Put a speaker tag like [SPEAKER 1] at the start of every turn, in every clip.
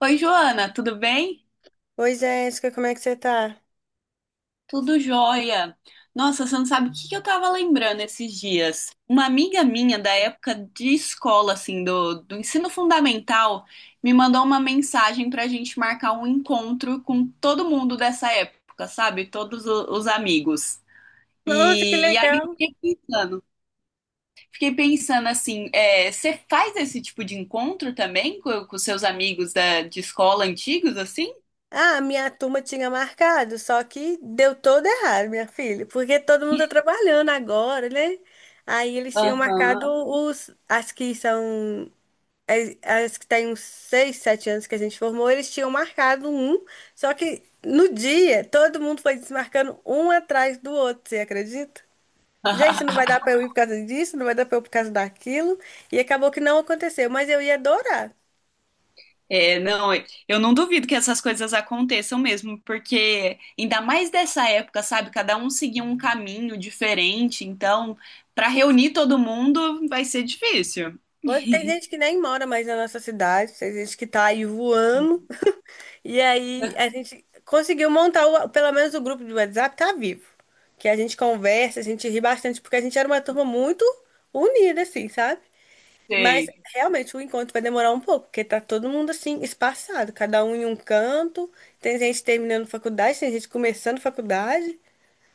[SPEAKER 1] Oi, Joana, tudo bem?
[SPEAKER 2] Oi, Jéssica, como é que você tá?
[SPEAKER 1] Tudo jóia. Nossa, você não sabe o que que eu tava lembrando esses dias. Uma amiga minha da época de escola, assim, do ensino fundamental, me mandou uma mensagem pra gente marcar um encontro com todo mundo dessa época, sabe? Todos os amigos.
[SPEAKER 2] Nossa, que
[SPEAKER 1] E aí eu
[SPEAKER 2] legal.
[SPEAKER 1] fiquei pensando assim, você faz esse tipo de encontro também com seus amigos de escola antigos, assim?
[SPEAKER 2] Ah, a minha turma tinha marcado, só que deu todo errado, minha filha, porque todo mundo tá trabalhando agora, né? Aí eles tinham marcado
[SPEAKER 1] Aham.
[SPEAKER 2] os, as que são, as que têm uns 6, 7 anos que a gente formou, eles tinham marcado um, só que no dia todo mundo foi desmarcando um atrás do outro, você acredita? Gente, não vai dar pra eu ir por causa disso, não vai dar pra eu ir por causa daquilo, e acabou que não aconteceu, mas eu ia adorar.
[SPEAKER 1] Não, eu não duvido que essas coisas aconteçam mesmo, porque ainda mais dessa época, sabe? Cada um seguia um caminho diferente, então, para reunir todo mundo vai ser difícil.
[SPEAKER 2] Pode, tem gente que nem mora mais na nossa cidade, tem gente que tá aí voando. E aí a gente conseguiu montar pelo menos o grupo do WhatsApp tá vivo. Que a gente conversa, a gente ri bastante, porque a gente era uma turma muito unida, assim, sabe? Mas
[SPEAKER 1] Sei,
[SPEAKER 2] realmente o encontro vai demorar um pouco, porque tá todo mundo assim, espaçado, cada um em um canto. Tem gente terminando faculdade, tem gente começando faculdade.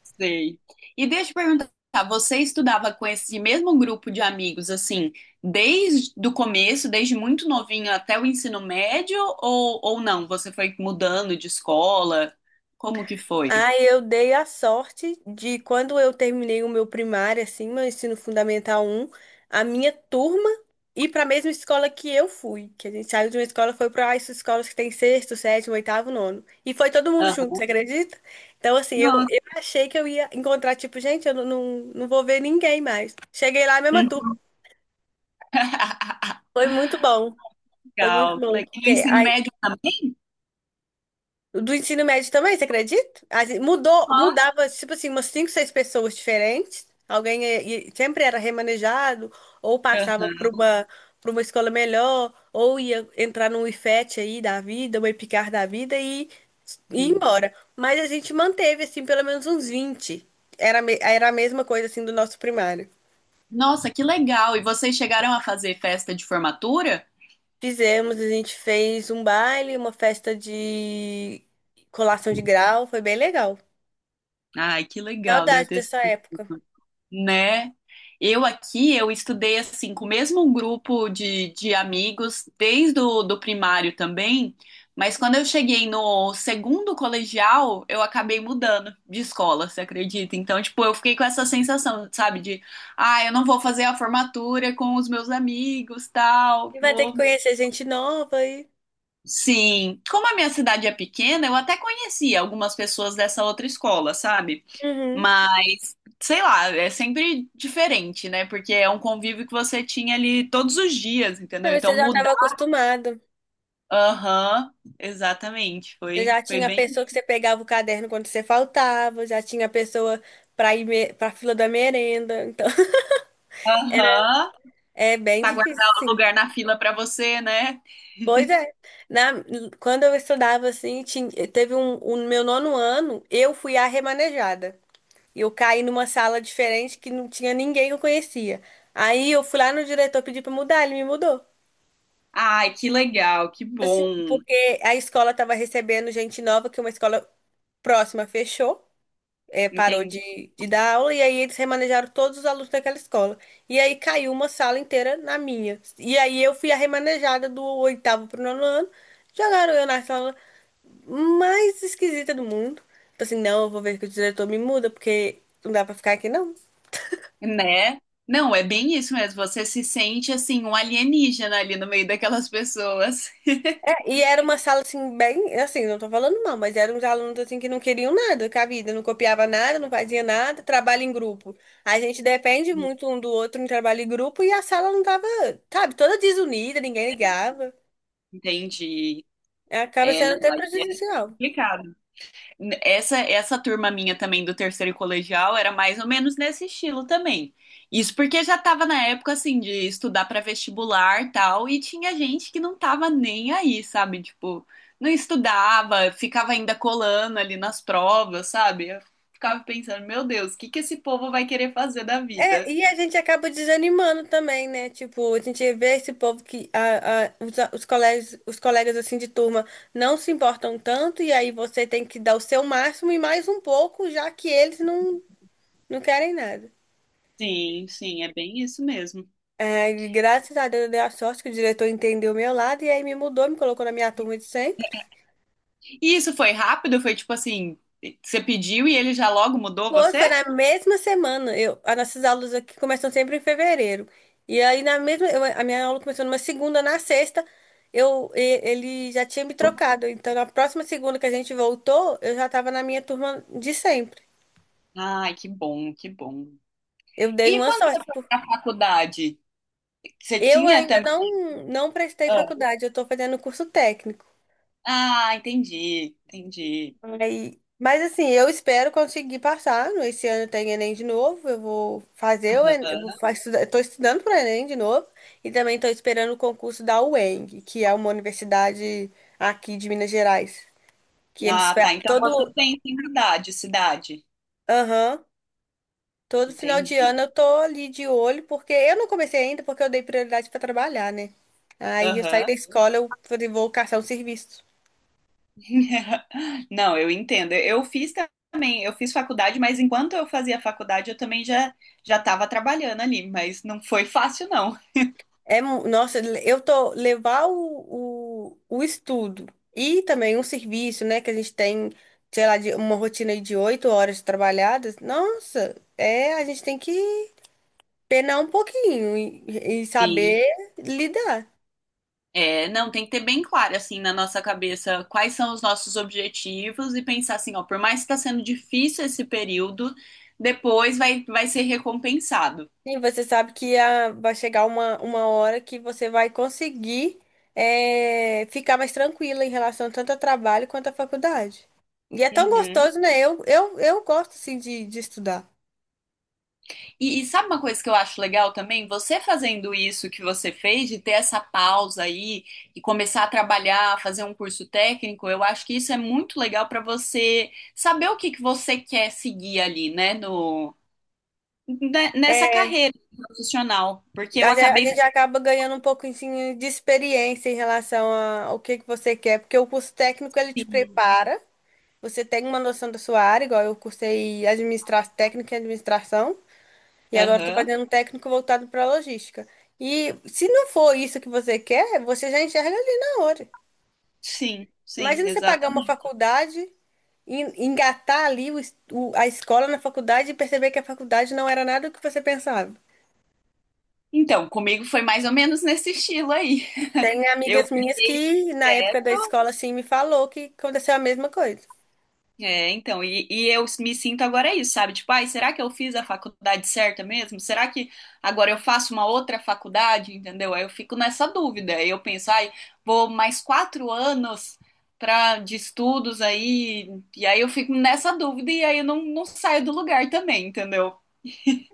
[SPEAKER 1] sei. E deixa eu perguntar, você estudava com esse mesmo grupo de amigos, assim, desde o começo, desde muito novinho até o ensino médio, ou não? Você foi mudando de escola? Como que foi?
[SPEAKER 2] Ah, eu dei a sorte de quando eu terminei o meu primário, assim, meu ensino fundamental um, a minha turma ir para a mesma escola que eu fui. Que a gente saiu de uma escola e foi para essas escolas que tem sexto, sétimo, oitavo, nono. E foi todo mundo
[SPEAKER 1] Aham.
[SPEAKER 2] junto, você acredita? Então, assim, eu,
[SPEAKER 1] Nossa.
[SPEAKER 2] eu achei que eu ia encontrar, tipo, gente, eu não vou ver ninguém mais. Cheguei lá, a mesma turma. Foi muito bom. Foi muito
[SPEAKER 1] Legal, que
[SPEAKER 2] bom,
[SPEAKER 1] legal. E
[SPEAKER 2] porque
[SPEAKER 1] o
[SPEAKER 2] a
[SPEAKER 1] ensino médio também.
[SPEAKER 2] do ensino médio também, você acredita? A gente
[SPEAKER 1] Nossa.
[SPEAKER 2] mudava, tipo assim, umas cinco, seis pessoas diferentes. Alguém sempre era remanejado, ou passava
[SPEAKER 1] Aham.
[SPEAKER 2] para uma escola melhor, ou ia entrar num IFET aí da vida, uma EPICAR da vida e ir embora. Mas a gente manteve, assim, pelo menos uns 20 era, era a mesma coisa, assim, do nosso primário.
[SPEAKER 1] Nossa, que legal. E vocês chegaram a fazer festa de formatura?
[SPEAKER 2] Fizemos, a gente fez um baile, uma festa de colação de grau, foi bem legal.
[SPEAKER 1] Ai, que legal, deve
[SPEAKER 2] Saudade
[SPEAKER 1] ter
[SPEAKER 2] dessa
[SPEAKER 1] sido,
[SPEAKER 2] época.
[SPEAKER 1] né? Eu aqui, eu estudei assim, com o mesmo grupo de amigos, desde o do primário também, mas quando eu cheguei no segundo colegial, eu acabei mudando de escola, você acredita? Então, tipo, eu fiquei com essa sensação, sabe, de, ah, eu não vou fazer a formatura com os meus amigos, tal,
[SPEAKER 2] E vai ter que
[SPEAKER 1] vou.
[SPEAKER 2] conhecer gente nova e.
[SPEAKER 1] Sim, como a minha cidade é pequena, eu até conhecia algumas pessoas dessa outra escola, sabe?
[SPEAKER 2] Uhum.
[SPEAKER 1] Mas, sei lá, é sempre diferente, né? Porque é um convívio que você tinha ali todos os dias,
[SPEAKER 2] Então,
[SPEAKER 1] entendeu?
[SPEAKER 2] você
[SPEAKER 1] Então
[SPEAKER 2] já estava
[SPEAKER 1] mudar.
[SPEAKER 2] acostumado.
[SPEAKER 1] Aham, exatamente.
[SPEAKER 2] Você já
[SPEAKER 1] Foi
[SPEAKER 2] tinha a
[SPEAKER 1] bem.
[SPEAKER 2] pessoa que você pegava o caderno quando você faltava, já tinha a pessoa para ir me... para fila da merenda. Então,
[SPEAKER 1] Aham,
[SPEAKER 2] é bem
[SPEAKER 1] pra
[SPEAKER 2] difícil,
[SPEAKER 1] guardar o
[SPEAKER 2] sim.
[SPEAKER 1] lugar na fila pra você, né?
[SPEAKER 2] Pois é. Na... Quando eu estudava assim, tinha... teve um... o meu nono ano, eu fui a remanejada. E eu caí numa sala diferente que não tinha ninguém que eu conhecia. Aí eu fui lá no diretor pedir para mudar, ele me mudou.
[SPEAKER 1] Ai, que legal, que
[SPEAKER 2] Assim,
[SPEAKER 1] bom.
[SPEAKER 2] porque a escola estava recebendo gente nova, que é uma escola próxima fechou, é, parou
[SPEAKER 1] Entendi.
[SPEAKER 2] de dar aula, e aí eles remanejaram todos os alunos daquela escola. E aí caiu uma sala inteira na minha. E aí eu fui a remanejada do oitavo pro nono ano, jogaram eu na sala mais esquisita do mundo. Falei assim, não, eu vou ver que o diretor me muda, porque não dá pra ficar aqui, não.
[SPEAKER 1] Né? Não, é bem isso mesmo. Você se sente assim, um alienígena ali no meio daquelas pessoas.
[SPEAKER 2] E era uma sala assim, bem, assim, não tô falando mal, mas eram uns alunos assim que não queriam nada com a vida, não copiava nada, não fazia nada, trabalho em grupo. A gente depende muito um do outro em trabalho em grupo e a sala não tava, sabe, toda desunida, ninguém ligava.
[SPEAKER 1] Entendi.
[SPEAKER 2] Acaba
[SPEAKER 1] É,
[SPEAKER 2] sendo
[SPEAKER 1] não,
[SPEAKER 2] até
[SPEAKER 1] aí é
[SPEAKER 2] prejudicial.
[SPEAKER 1] complicado. Essa turma minha também do terceiro colegial era mais ou menos nesse estilo também. Isso porque já tava na época, assim, de estudar para vestibular e tal, e tinha gente que não tava nem aí, sabe? Tipo, não estudava, ficava ainda colando ali nas provas, sabe? Eu ficava pensando, meu Deus, o que que esse povo vai querer fazer da
[SPEAKER 2] É,
[SPEAKER 1] vida?
[SPEAKER 2] e a gente acaba desanimando também, né? Tipo, a gente vê esse povo que os, os colegas assim de turma não se importam tanto, e aí você tem que dar o seu máximo e mais um pouco, já que eles não querem nada.
[SPEAKER 1] Sim, sim, é bem isso mesmo.
[SPEAKER 2] É, graças a Deus eu dei a sorte que o diretor entendeu o meu lado e aí me mudou, me colocou na minha turma de sempre.
[SPEAKER 1] E isso foi rápido? Foi tipo assim, você pediu e ele já logo mudou você?
[SPEAKER 2] Foi na mesma semana. Eu, as nossas aulas aqui começam sempre em fevereiro. E aí na mesma, a minha aula começou numa segunda, na sexta, ele já tinha me trocado. Então na próxima segunda que a gente voltou, eu já estava na minha turma de sempre.
[SPEAKER 1] Ai, que bom, que bom.
[SPEAKER 2] Eu dei
[SPEAKER 1] E
[SPEAKER 2] uma
[SPEAKER 1] quando você
[SPEAKER 2] sorte.
[SPEAKER 1] foi para a faculdade, você
[SPEAKER 2] Eu
[SPEAKER 1] tinha
[SPEAKER 2] ainda
[SPEAKER 1] também.
[SPEAKER 2] não prestei
[SPEAKER 1] Ah,
[SPEAKER 2] faculdade, eu estou fazendo curso técnico.
[SPEAKER 1] ah, entendi, entendi.
[SPEAKER 2] Aí, mas assim, eu espero conseguir passar. Esse ano tem Enem de novo. Eu vou fazer o Enem, eu vou
[SPEAKER 1] Aham.
[SPEAKER 2] estudar, estou estudando para o Enem de novo e também estou esperando o concurso da UENG, que é uma universidade aqui de Minas Gerais, que eles
[SPEAKER 1] Ah, tá. Então você tem tem idade, cidade.
[SPEAKER 2] aham, todo final de
[SPEAKER 1] Entendi.
[SPEAKER 2] ano eu tô ali de olho, porque eu não comecei ainda porque eu dei prioridade para trabalhar, né? Aí eu saí da
[SPEAKER 1] Aham.
[SPEAKER 2] escola, eu falei, vou caçar um serviço.
[SPEAKER 1] Não, eu entendo. Eu fiz também, eu fiz faculdade, mas enquanto eu fazia faculdade, eu também já estava trabalhando ali, mas não foi fácil, não.
[SPEAKER 2] É, nossa, eu tô levar o estudo e também um serviço, né, que a gente tem, sei lá, de uma rotina aí de oito horas trabalhadas. Nossa, é, a gente tem que penar um pouquinho e
[SPEAKER 1] Sim.
[SPEAKER 2] saber lidar.
[SPEAKER 1] É, não, tem que ter bem claro, assim, na nossa cabeça quais são os nossos objetivos e pensar assim, ó, por mais que está sendo difícil esse período, depois vai, vai ser recompensado.
[SPEAKER 2] E você sabe que vai chegar uma hora que você vai conseguir ficar mais tranquila em relação tanto ao trabalho quanto à faculdade. E é tão
[SPEAKER 1] Uhum.
[SPEAKER 2] gostoso, né? Eu gosto, assim, de estudar.
[SPEAKER 1] E sabe uma coisa que eu acho legal também? Você fazendo isso que você fez, de ter essa pausa aí e começar a trabalhar, fazer um curso técnico, eu acho que isso é muito legal para você saber o que que você quer seguir ali, né, no, nessa
[SPEAKER 2] É,
[SPEAKER 1] carreira profissional, porque eu
[SPEAKER 2] A
[SPEAKER 1] acabei.
[SPEAKER 2] gente acaba ganhando um pouco assim, de experiência em relação ao que você quer, porque o curso técnico ele te prepara, você tem uma noção da sua área, igual eu cursei administração técnica e administração, e agora estou
[SPEAKER 1] Aham.
[SPEAKER 2] fazendo um técnico voltado para logística. E se não for isso que você quer, você já enxerga ali na hora.
[SPEAKER 1] Sim, sim,
[SPEAKER 2] Imagina você pagar uma
[SPEAKER 1] exatamente.
[SPEAKER 2] faculdade, engatar ali a escola na faculdade e perceber que a faculdade não era nada do que você pensava.
[SPEAKER 1] Então, comigo foi mais ou menos nesse estilo aí.
[SPEAKER 2] Tem
[SPEAKER 1] Eu
[SPEAKER 2] amigas minhas
[SPEAKER 1] peguei.
[SPEAKER 2] que, na
[SPEAKER 1] É,
[SPEAKER 2] época da escola, assim, me falou que aconteceu a mesma coisa.
[SPEAKER 1] então, e eu me sinto agora isso, sabe? Tipo, ai, será que eu fiz a faculdade certa mesmo? Será que agora eu faço uma outra faculdade, entendeu? Aí eu fico nessa dúvida. Aí eu penso, ai, vou mais 4 anos pra, de estudos aí, e aí eu fico nessa dúvida e aí eu não saio do lugar também, entendeu?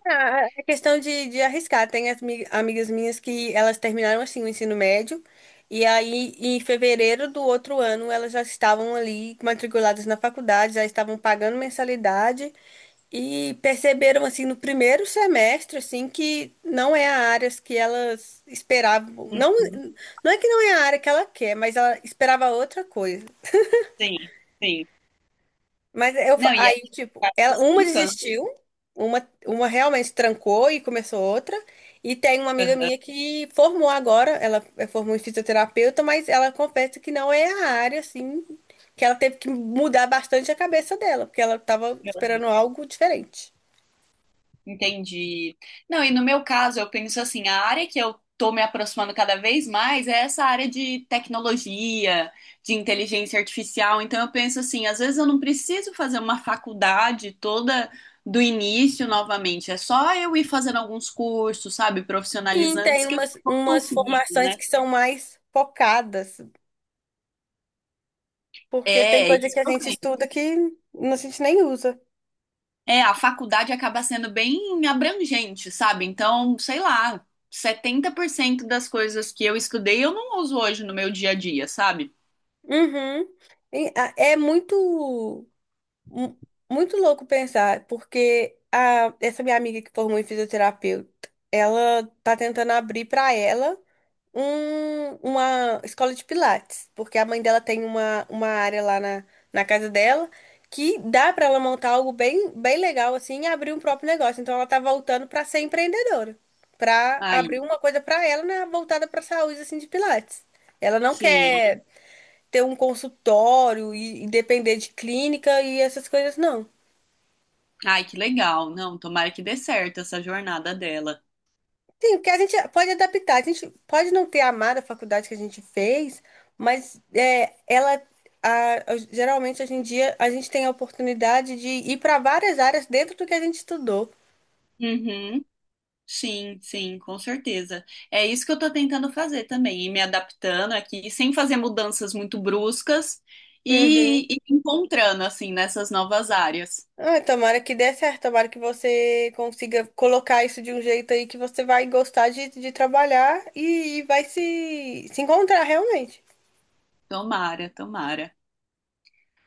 [SPEAKER 2] Ah, é questão de arriscar. Tem as amigas minhas que elas terminaram, assim, o ensino médio, e aí, em fevereiro do outro ano, elas já estavam ali matriculadas na faculdade, já estavam pagando mensalidade, e perceberam, assim, no primeiro semestre, assim, que não é a área que elas esperavam. Não,
[SPEAKER 1] Uhum.
[SPEAKER 2] não é que não é a área que ela quer, mas ela esperava outra coisa.
[SPEAKER 1] Sim, sim.
[SPEAKER 2] Mas eu,
[SPEAKER 1] Não, e a
[SPEAKER 2] aí,
[SPEAKER 1] gente
[SPEAKER 2] tipo,
[SPEAKER 1] vai
[SPEAKER 2] ela,
[SPEAKER 1] se
[SPEAKER 2] uma
[SPEAKER 1] educando.
[SPEAKER 2] desistiu, uma realmente trancou e começou outra. E tem uma amiga minha que formou agora, formou em fisioterapeuta, mas ela confessa que não é a área, assim, que ela teve que mudar bastante a cabeça dela, porque ela estava esperando algo diferente.
[SPEAKER 1] Entendi. Não, e no meu caso, eu penso assim, a área que eu tô me aproximando cada vez mais é essa área de tecnologia, de inteligência artificial. Então eu penso assim, às vezes eu não preciso fazer uma faculdade toda do início novamente, é só eu ir fazendo alguns cursos, sabe,
[SPEAKER 2] E
[SPEAKER 1] profissionalizantes
[SPEAKER 2] tem
[SPEAKER 1] que eu vou
[SPEAKER 2] umas
[SPEAKER 1] conseguindo,
[SPEAKER 2] formações
[SPEAKER 1] né?
[SPEAKER 2] que são mais focadas, porque tem
[SPEAKER 1] É,
[SPEAKER 2] coisa
[SPEAKER 1] isso
[SPEAKER 2] que a
[SPEAKER 1] que eu.
[SPEAKER 2] gente estuda que a gente nem usa.
[SPEAKER 1] É, a faculdade acaba sendo bem abrangente, sabe? Então, sei lá, 70% das coisas que eu estudei eu não uso hoje no meu dia a dia, sabe?
[SPEAKER 2] Uhum. É muito. Mu- Muito louco pensar, porque essa minha amiga que formou em fisioterapeuta, ela tá tentando abrir para ela uma escola de pilates, porque a mãe dela tem uma área lá na casa dela que dá para ela montar algo bem legal assim e abrir um próprio negócio. Então ela tá voltando para ser empreendedora, para
[SPEAKER 1] Aí,
[SPEAKER 2] abrir uma coisa para ela, né, voltada para saúde assim de pilates. Ela não
[SPEAKER 1] sim.
[SPEAKER 2] quer ter um consultório e depender de clínica e essas coisas, não.
[SPEAKER 1] Ai, que legal. Não, tomara que dê certo essa jornada dela.
[SPEAKER 2] Sim, porque a gente pode adaptar. A gente pode não ter amado a faculdade que a gente fez, mas é, ela geralmente hoje em dia a gente tem a oportunidade de ir para várias áreas dentro do que a gente estudou.
[SPEAKER 1] Uhum. Sim, sim, com certeza. É isso que eu tô tentando fazer também, ir me adaptando aqui, sem fazer mudanças muito bruscas
[SPEAKER 2] Uhum.
[SPEAKER 1] e encontrando, assim, nessas novas áreas.
[SPEAKER 2] Ah, tomara que dê certo, tomara que você consiga colocar isso de um jeito aí que você vai gostar de trabalhar vai se encontrar realmente.
[SPEAKER 1] Tomara, tomara.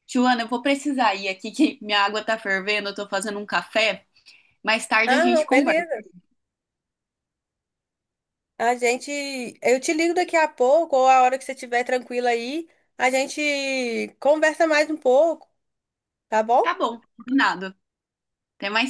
[SPEAKER 1] Joana, eu vou precisar ir aqui que minha água tá fervendo, eu tô fazendo um café. Mais tarde a
[SPEAKER 2] Ah, não,
[SPEAKER 1] gente conversa.
[SPEAKER 2] beleza. A gente, eu te ligo daqui a pouco, ou a hora que você estiver tranquila aí, a gente conversa mais um pouco, tá
[SPEAKER 1] Tá
[SPEAKER 2] bom?
[SPEAKER 1] bom, combinado. Até mais tarde.